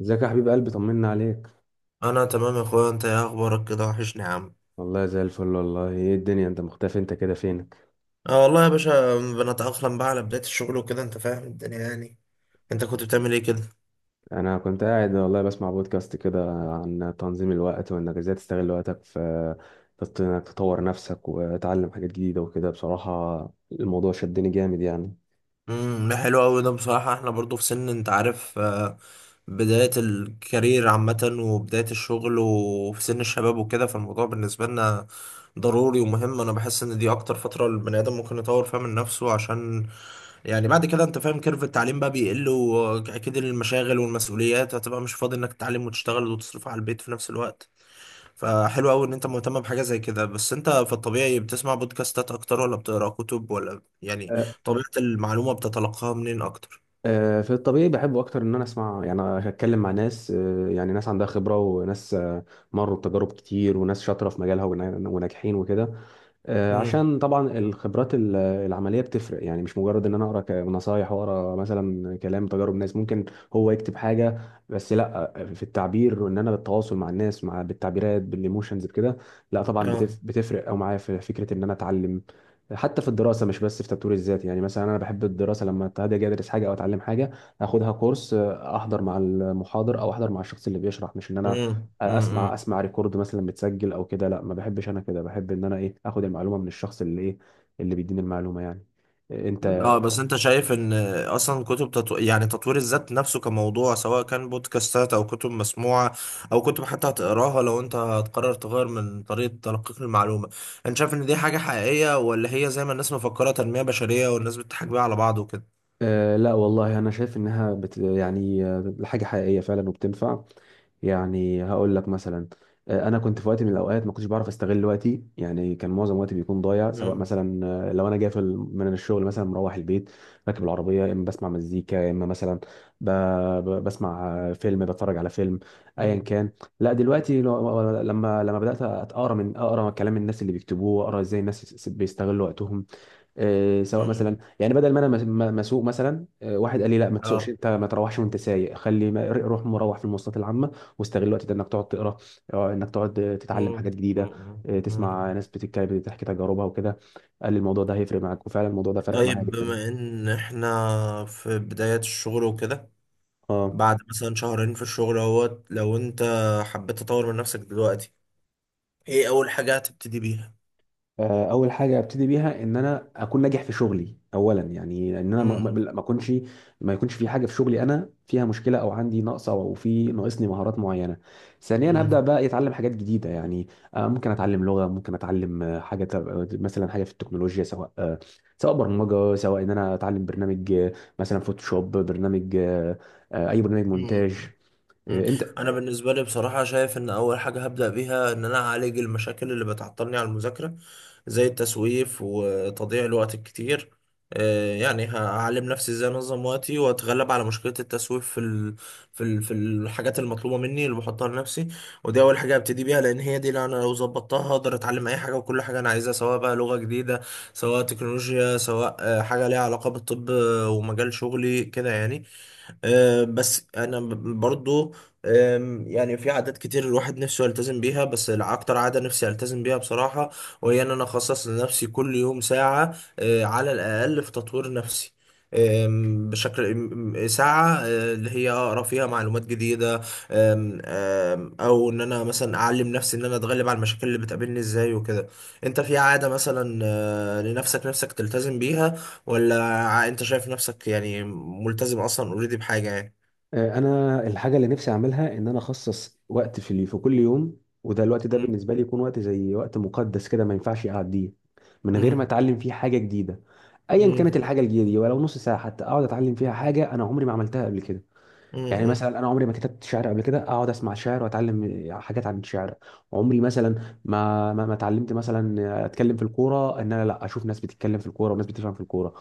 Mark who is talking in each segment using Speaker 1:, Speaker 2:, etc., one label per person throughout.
Speaker 1: ازيك يا حبيب قلبي، طمنا عليك؟
Speaker 2: انا تمام يا اخويا، انت ايه اخبارك كده؟ وحشني يا عم.
Speaker 1: والله زي الفل. والله، ايه الدنيا؟ انت مختفي، انت كده فينك؟
Speaker 2: اه والله يا باشا، بنتأقلم بقى على بداية الشغل وكده، انت فاهم الدنيا يعني. انت كنت بتعمل ايه كده؟
Speaker 1: انا كنت قاعد والله بسمع بودكاست كده عن تنظيم الوقت، وانك ازاي تستغل وقتك في انك تطور نفسك وتعلم حاجات جديدة وكده. بصراحة الموضوع شدني جامد يعني.
Speaker 2: ده حلو قوي، ده بصراحة احنا برضو في سن انت عارف، بداية الكارير عامة وبداية الشغل وفي سن الشباب وكده، فالموضوع بالنسبة لنا ضروري ومهم. انا بحس ان دي اكتر فترة البني ادم ممكن يطور فيها من نفسه، عشان يعني بعد كده انت فاهم كيرف التعليم بقى بيقل، واكيد المشاغل والمسؤوليات هتبقى مش فاضي انك تتعلم وتشتغل وتصرف على البيت في نفس الوقت. فحلو قوي ان انت مهتم بحاجه زي كده. بس انت في الطبيعي بتسمع بودكاستات اكتر ولا بتقرا كتب ولا يعني
Speaker 1: أه.
Speaker 2: طبيعه المعلومه بتتلقاها منين اكتر؟
Speaker 1: في الطبيعي بحب اكتر ان انا اسمع، يعني اتكلم مع ناس، يعني ناس عندها خبرة، وناس مروا بتجارب كتير، وناس شاطرة في مجالها وناجحين وكده.
Speaker 2: امم
Speaker 1: عشان طبعا الخبرات العمليه بتفرق، يعني مش مجرد ان انا اقرا نصايح واقرا مثلا كلام تجارب ناس ممكن هو يكتب حاجه. بس لا، في التعبير وان انا بالتواصل مع الناس، بالتعبيرات بالايموشنز بكده، لا طبعا
Speaker 2: اه.
Speaker 1: بتفرق، او معايا في فكره ان انا اتعلم حتى في الدراسه، مش بس في تطوير الذات. يعني مثلا انا بحب الدراسه، لما هاجي ادرس حاجه او اتعلم حاجه اخدها كورس، احضر مع المحاضر او احضر مع الشخص اللي بيشرح، مش ان انا
Speaker 2: امم
Speaker 1: اسمع
Speaker 2: امم
Speaker 1: اسمع ريكورد مثلا متسجل او كده. لا، ما بحبش انا كده، بحب ان انا ايه اخد المعلومه من الشخص اللي ايه، اللي بيديني المعلومه يعني. إيه، انت؟
Speaker 2: اه. بس انت شايف ان اصلا كتب يعني تطوير الذات نفسه كموضوع، سواء كان بودكاستات او كتب مسموعه او كتب حتى هتقراها، لو انت هتقرر تغير من طريقه تلقيك للمعلومه، انت شايف ان دي حاجه حقيقيه ولا هي زي ما الناس مفكره تنميه بشريه والناس بتضحك بيها على بعض وكده؟
Speaker 1: لا والله، انا شايف انها يعني حاجه حقيقيه فعلا وبتنفع. يعني هقول لك مثلا، انا كنت في وقت من الاوقات ما كنتش بعرف استغل وقتي. يعني كان معظم وقتي بيكون ضايع، سواء
Speaker 2: امم
Speaker 1: مثلا لو انا جاي في من الشغل مثلا مروح البيت، راكب العربيه، يا اما بسمع مزيكا، يا اما مثلا ب... بسمع فيلم، بتفرج على فيلم، ايا كان. لا دلوقتي لما بدات اقرا، من اقرا كلام الناس اللي بيكتبوه، اقرا ازاي الناس بيستغلوا وقتهم. سواء
Speaker 2: امم
Speaker 1: مثلا، يعني بدل ما انا مسوق مثلا، واحد قال لي لا ما تسوقش،
Speaker 2: اه.
Speaker 1: انت ما تروحش وانت سايق، خلي روح مروح في المواصلات العامه، واستغل الوقت ده انك تقعد تقرا، انك تقعد تتعلم
Speaker 2: مم.
Speaker 1: حاجات جديده،
Speaker 2: مم.
Speaker 1: تسمع
Speaker 2: مم.
Speaker 1: ناس بتتكلم بتحكي تجاربها وكده. قال لي الموضوع ده هيفرق معاك، وفعلا الموضوع ده فرق معايا
Speaker 2: طيب
Speaker 1: جدا.
Speaker 2: بما ان احنا في بداية الشغل وكده،
Speaker 1: اه.
Speaker 2: بعد مثلا شهرين في الشغل اهوت، لو انت حبيت تطور من نفسك دلوقتي، ايه اول حاجة هتبتدي بيها؟
Speaker 1: اول حاجه ابتدي بيها، ان انا اكون ناجح في شغلي اولا. يعني ان انا
Speaker 2: مم.
Speaker 1: ما يكونش في حاجه في شغلي انا فيها مشكله، او عندي نقص، او في ناقصني مهارات معينه. ثانيا هبدا
Speaker 2: مم.
Speaker 1: بقى اتعلم حاجات جديده. يعني ممكن اتعلم لغه، ممكن اتعلم حاجه مثلا حاجه في التكنولوجيا، سواء برمجه، سواء ان انا اتعلم برنامج، مثلا فوتوشوب، برنامج اي برنامج مونتاج.
Speaker 2: مم. مم.
Speaker 1: انت؟
Speaker 2: انا بالنسبه لي بصراحه شايف ان اول حاجه هبدا بيها ان انا اعالج المشاكل اللي بتعطلني على المذاكره، زي التسويف وتضييع الوقت الكتير. يعني هعلم نفسي ازاي انظم وقتي واتغلب على مشكله التسويف في في الحاجات المطلوبه مني اللي بحطها لنفسي. ودي اول حاجه هبتدي بيها، لان هي دي اللي انا لو ظبطتها هقدر اتعلم اي حاجه وكل حاجه انا عايزها، سواء بقى لغه جديده سواء تكنولوجيا سواء حاجه ليها علاقه بالطب، ومجال شغلي كده يعني. بس انا برضو، يعني في عادات كتير الواحد نفسه يلتزم بيها، بس اكتر عادة نفسي التزم بيها بصراحة، وهي ان انا اخصص لنفسي كل يوم ساعة على الاقل في تطوير نفسي. آم، بشكل م- م- ساعة اللي هي أقرأ فيها معلومات جديدة. آم، آم، أو إن أنا مثلا أعلم نفسي إن أنا أتغلب على المشاكل اللي بتقابلني إزاي وكده. أنت في عادة مثلا لنفسك تلتزم بيها، ولا انت شايف نفسك يعني ملتزم اصلا اوريدي بحاجة يعني؟
Speaker 1: انا الحاجه اللي نفسي اعملها، ان انا اخصص وقت في كل يوم، وده الوقت ده
Speaker 2: مم.
Speaker 1: بالنسبه لي يكون وقت زي وقت مقدس كده، ما ينفعش اعديه من غير ما
Speaker 2: مم.
Speaker 1: اتعلم فيه حاجه جديده. ايا
Speaker 2: مم.
Speaker 1: كانت الحاجه الجديده دي، ولو نص ساعه حتى، اقعد اتعلم فيها حاجه انا عمري ما عملتها قبل كده. يعني
Speaker 2: مم.
Speaker 1: مثلا انا عمري ما كتبت شعر قبل كده، اقعد اسمع شعر واتعلم حاجات عن الشعر. عمري مثلا ما اتعلمت مثلا اتكلم في الكوره، ان انا لا، اشوف ناس بتتكلم في الكوره وناس بتفهم في الكوره.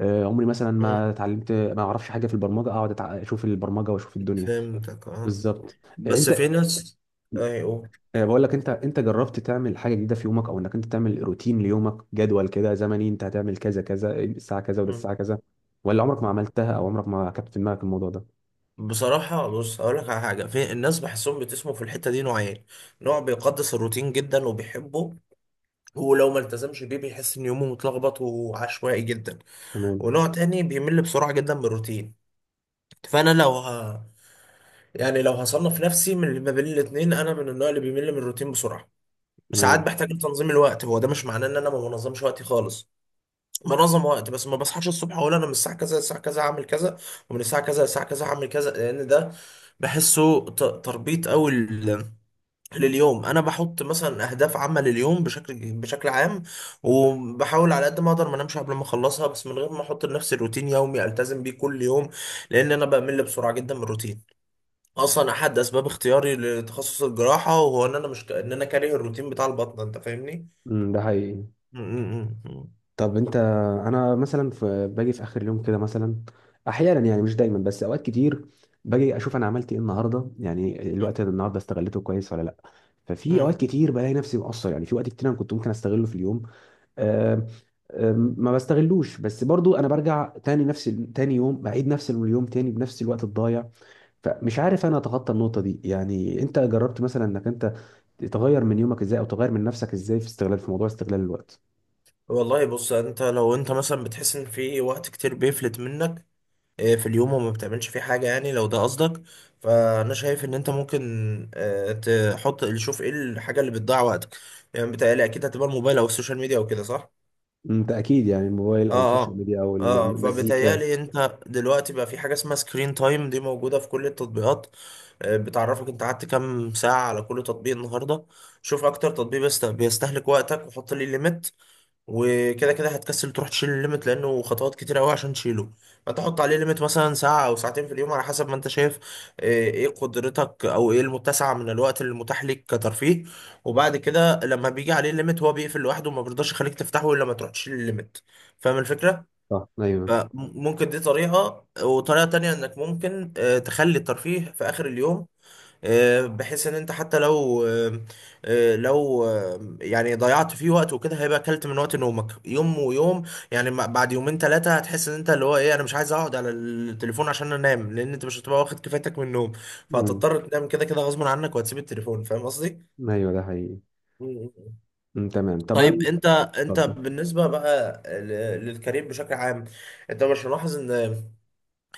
Speaker 1: عمري مثلا
Speaker 2: مم.
Speaker 1: ما اتعلمت، ما اعرفش حاجه في البرمجه، اقعد اشوف البرمجه واشوف الدنيا.
Speaker 2: فهمتك اه.
Speaker 1: بالظبط.
Speaker 2: بس في
Speaker 1: انت،
Speaker 2: ناس... ايوه.
Speaker 1: بقول لك، انت جربت تعمل حاجه جديده في يومك؟ او انك انت تعمل روتين ليومك، جدول كده زمني، انت هتعمل كذا كذا الساعه كذا، وده الساعه
Speaker 2: مم.
Speaker 1: كذا؟ ولا عمرك ما عملتها، او عمرك ما كانت في دماغك الموضوع ده؟
Speaker 2: بصراحة بص هقول لك على حاجة. في الناس بحسهم بتسموا في الحتة دي نوعين. نوع بيقدس الروتين جدا وبيحبه، ولو ما التزمش بيه بيحس ان يومه متلخبط وعشوائي جدا.
Speaker 1: تمام،
Speaker 2: ونوع تاني بيمل بسرعة جدا من الروتين. فانا لو ه... يعني لو هصنف نفسي من اللي ما بين الاتنين، انا من النوع اللي بيمل من الروتين بسرعة. ساعات
Speaker 1: تمام.
Speaker 2: بحتاج لتنظيم الوقت. هو ده مش معناه ان انا ما بنظمش وقتي خالص، بنظم وقت، بس ما بصحاش الصبح اقول انا من الساعه كذا للساعه كذا هعمل كذا، ومن الساعه كذا للساعه كذا هعمل كذا، لان ده بحسه تربيط قوي لليوم. انا بحط مثلا اهداف عامه لليوم، بشكل عام، وبحاول على قد ما اقدر ما انامش قبل ما اخلصها، بس من غير ما احط لنفسي روتين يومي التزم بيه كل يوم، لان انا بمل بسرعه جدا من الروتين. اصلا احد اسباب اختياري لتخصص الجراحه وهو ان انا مش ك... ان انا كاره الروتين بتاع البطنه، انت فاهمني.
Speaker 1: ده حقيقي.
Speaker 2: مم. مم. مم.
Speaker 1: طب انت، انا مثلا في باجي في اخر اليوم كده مثلا، احيانا يعني مش دايما بس اوقات كتير، باجي اشوف انا عملت ايه النهارده، يعني الوقت ده النهارده استغلته كويس ولا لا؟ ففي اوقات
Speaker 2: مم.
Speaker 1: كتير بلاقي نفسي مقصر، يعني في وقت كتير انا كنت ممكن استغله في اليوم. آم، آم، ما بستغلوش، بس برضو انا برجع تاني نفس تاني يوم، بعيد نفس اليوم تاني بنفس الوقت الضايع. فمش عارف انا اتخطى النقطة دي، يعني انت جربت مثلا انك انت تغير من يومك ازاي، او تغير من نفسك ازاي في موضوع استغلال الوقت؟
Speaker 2: والله بص، انت لو انت مثلا بتحس ان في وقت كتير بيفلت منك في اليوم وما بتعملش فيه حاجة، يعني لو ده قصدك، فانا شايف ان انت ممكن آه، تحط، شوف ايه الحاجة اللي بتضيع وقتك. يعني بتهيألي اكيد هتبقى الموبايل او السوشيال ميديا او كده، صح؟
Speaker 1: انت اكيد، يعني الموبايل او
Speaker 2: اه
Speaker 1: السوشيال
Speaker 2: اه.
Speaker 1: ميديا او
Speaker 2: اه،
Speaker 1: المزيكا.
Speaker 2: فبتهيألي انت دلوقتي بقى في حاجة اسمها سكرين تايم، دي موجودة في كل التطبيقات، بتعرفك انت قعدت كام ساعة على كل تطبيق النهاردة. شوف اكتر تطبيق بيستهلك وقتك، وحط لي ليميت، وكده كده هتكسل تروح تشيل الليمت لانه خطوات كتير قوي عشان تشيله. فتحط عليه ليميت مثلا ساعة او ساعتين في اليوم على حسب ما انت شايف، آه، ايه قدرتك او ايه المتسع من الوقت المتاح ليك كترفيه. وبعد كده لما بيجي عليه الليميت هو بيقفل لوحده وما بيرضاش يخليك تفتحه الا لما تروح تشيل الليميت. فاهم الفكرة؟
Speaker 1: صح، ايوه.
Speaker 2: فممكن دي طريقة، وطريقة تانية انك ممكن تخلي الترفيه في اخر اليوم، بحيث ان انت حتى لو يعني ضيعت فيه وقت وكده، هيبقى اكلت من وقت نومك يوم ويوم. يعني بعد يومين ثلاثة هتحس ان انت اللي هو ايه، انا مش عايز اقعد على التليفون عشان انام، لان انت مش هتبقى واخد كفايتك من النوم،
Speaker 1: امم.
Speaker 2: فهتضطر تنام كده كده غصب عنك وهتسيب التليفون. فاهم قصدي؟
Speaker 1: ايوه، ده حقيقي.
Speaker 2: مم.
Speaker 1: امم، تمام
Speaker 2: طيب
Speaker 1: طبعا.
Speaker 2: انت
Speaker 1: اتفضل.
Speaker 2: بالنسبه بقى للكارير بشكل عام، انت مش ملاحظ ان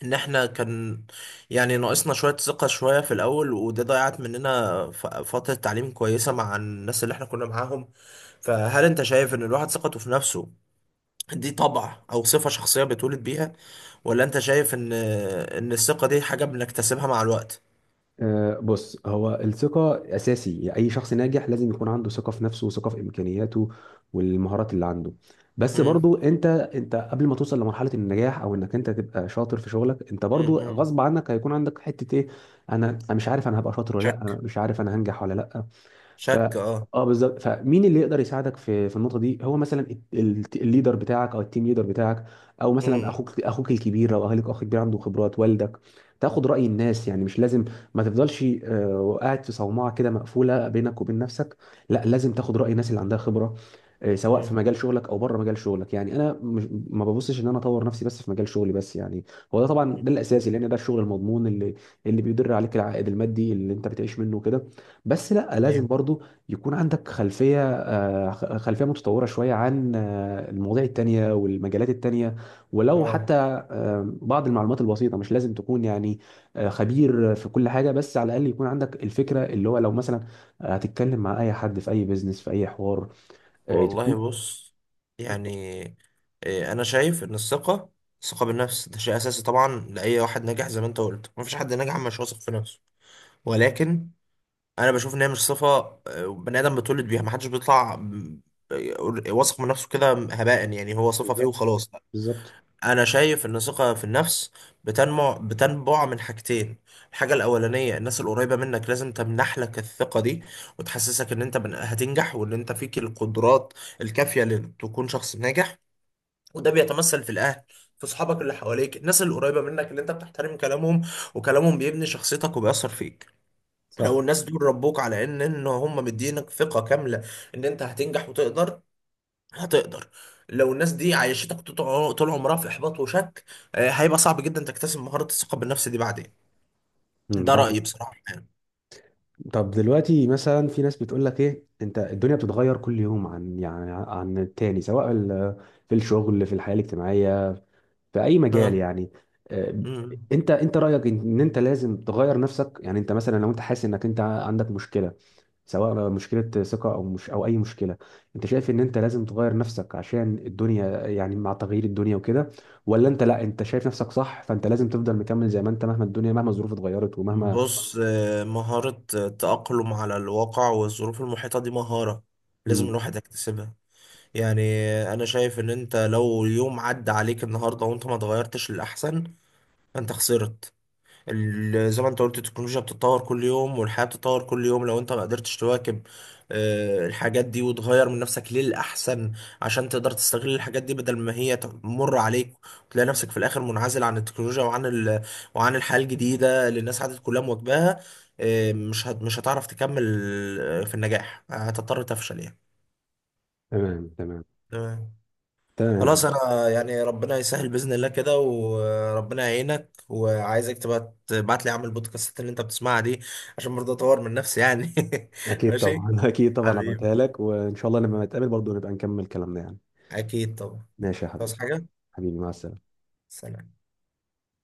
Speaker 2: ان احنا كان يعني ناقصنا شوية ثقة شوية في الاول، وده ضيعت مننا فترة تعليم كويسة مع الناس اللي احنا كنا معاهم. فهل انت شايف ان الواحد ثقته في نفسه دي طبع او صفة شخصية بيتولد بيها، ولا انت شايف ان الثقة دي حاجة بنكتسبها مع الوقت؟
Speaker 1: بص، هو الثقه اساسي. يعني اي شخص ناجح لازم يكون عنده ثقه في نفسه، وثقه في امكانياته والمهارات اللي عنده. بس
Speaker 2: مم.
Speaker 1: برضو، انت قبل ما توصل لمرحله النجاح، او انك انت تبقى شاطر في شغلك، انت
Speaker 2: مم.
Speaker 1: برضو
Speaker 2: مم.
Speaker 1: غصب عنك هيكون عندك حته ايه. أنا مش عارف انا هبقى شاطر ولا لا،
Speaker 2: شك.
Speaker 1: انا مش عارف انا هنجح ولا لا. ف
Speaker 2: شك اه.
Speaker 1: اه بالظبط. فمين اللي يقدر يساعدك في النقطه دي؟ هو مثلا الليدر بتاعك، او التيم ليدر بتاعك، او مثلا
Speaker 2: مم.
Speaker 1: اخوك الكبير لو اهلك اخ كبير عنده خبرات، والدك. تاخد راي الناس، يعني مش لازم ما تفضلش قاعد في صومعه كده مقفوله بينك وبين نفسك. لا، لازم تاخد راي الناس اللي عندها خبره، سواء في
Speaker 2: مم.
Speaker 1: مجال شغلك او بره مجال شغلك. يعني انا مش ما ببصش ان انا اطور نفسي بس في مجال شغلي بس يعني، هو ده طبعا ده
Speaker 2: مم.
Speaker 1: الاساسي، لان ده الشغل المضمون اللي بيدر عليك العائد المادي اللي انت بتعيش منه كده. بس لا، لازم
Speaker 2: ايوه
Speaker 1: برضو يكون عندك خلفية متطورة شوية عن المواضيع التانية والمجالات التانية، ولو
Speaker 2: اه.
Speaker 1: حتى بعض المعلومات البسيطة. مش لازم تكون يعني خبير في كل حاجة، بس على الأقل يكون عندك الفكرة، اللي هو لو مثلا هتتكلم مع أي حد في أي بيزنس في أي حوار،
Speaker 2: والله
Speaker 1: تكون.
Speaker 2: بص يعني، انا شايف ان الثقه بالنفس ده شيء اساسي طبعا لاي واحد ناجح، زي ما انت قلت مفيش حد ناجح مش واثق في نفسه. ولكن انا بشوف ان هي مش صفه بني ادم بيتولد بيها، محدش بيطلع واثق من نفسه كده هباء، يعني هو صفه فيه
Speaker 1: بالظبط،
Speaker 2: وخلاص.
Speaker 1: بالظبط.
Speaker 2: انا شايف ان الثقه في النفس بتنبع من حاجتين. الحاجه الاولانيه، الناس القريبه منك لازم تمنح لك الثقه دي، وتحسسك ان انت هتنجح وان انت فيك القدرات الكافيه لتكون شخص ناجح. وده بيتمثل في الاهل، في اصحابك اللي حواليك، الناس اللي قريبه منك اللي انت بتحترم كلامهم، وكلامهم بيبني شخصيتك وبيأثر فيك. لو
Speaker 1: صح.
Speaker 2: الناس دول ربوك على ان هم مدينك ثقه كامله ان انت هتنجح وتقدر، هتقدر. لو الناس دي عايشتك طول عمرها في احباط وشك، هيبقى صعب جدا تكتسب مهارة الثقة بالنفس دي بعدين. ده
Speaker 1: ده.
Speaker 2: رأيي بصراحة يعني.
Speaker 1: طب دلوقتي مثلا، في ناس بتقول لك ايه، انت الدنيا بتتغير كل يوم عن التاني، سواء في الشغل، في الحياة الاجتماعية، في اي مجال
Speaker 2: ها.
Speaker 1: يعني. آه،
Speaker 2: مم.
Speaker 1: انت رايك إن انت لازم تغير نفسك؟ يعني انت مثلا لو انت حاسس انك انت عندك مشكله، سواء مشكله ثقه، او مش، او اي مشكله، انت شايف ان انت لازم تغير نفسك عشان الدنيا؟ يعني مع تغيير الدنيا وكده، ولا انت، لا انت شايف نفسك صح، فانت لازم تفضل مكمل زي ما انت، مهما الدنيا، مهما الظروف اتغيرت ومهما.
Speaker 2: بص مهارة التأقلم على الواقع والظروف المحيطة دي مهارة لازم
Speaker 1: مم.
Speaker 2: الواحد يكتسبها. يعني أنا شايف إن أنت لو يوم عدى عليك النهاردة وأنت ما اتغيرتش للأحسن، فأنت خسرت. زي ما انت قلت التكنولوجيا بتتطور كل يوم والحياة بتتطور كل يوم، لو انت ما قدرتش تواكب الحاجات دي وتغير من نفسك للأحسن عشان تقدر تستغل الحاجات دي بدل ما هي تمر عليك، وتلاقي نفسك في الآخر منعزل عن التكنولوجيا وعن وعن الحياة الجديدة اللي الناس عادت كلها مواكباها. مش هتعرف تكمل، في النجاح هتضطر تفشل يعني.
Speaker 1: تمام، تمام،
Speaker 2: تمام. خلاص
Speaker 1: تمام.
Speaker 2: انا يعني ربنا يسهل باذن الله كده وربنا يعينك، وعايزك تبقى تبعت لي اعمل البودكاستات اللي انت بتسمعها دي عشان برضه اطور من نفسي يعني.
Speaker 1: اكيد
Speaker 2: ماشي.
Speaker 1: طبعا. اكيد طبعا،
Speaker 2: حبيبي،
Speaker 1: هبعتها لك، وان شاء الله لما نتقابل برضه نبقى نكمل كلامنا يعني.
Speaker 2: اكيد طبعا.
Speaker 1: ماشي يا حبيبي.
Speaker 2: تصحى حاجه.
Speaker 1: حبيبي، مع السلامه.
Speaker 2: سلام.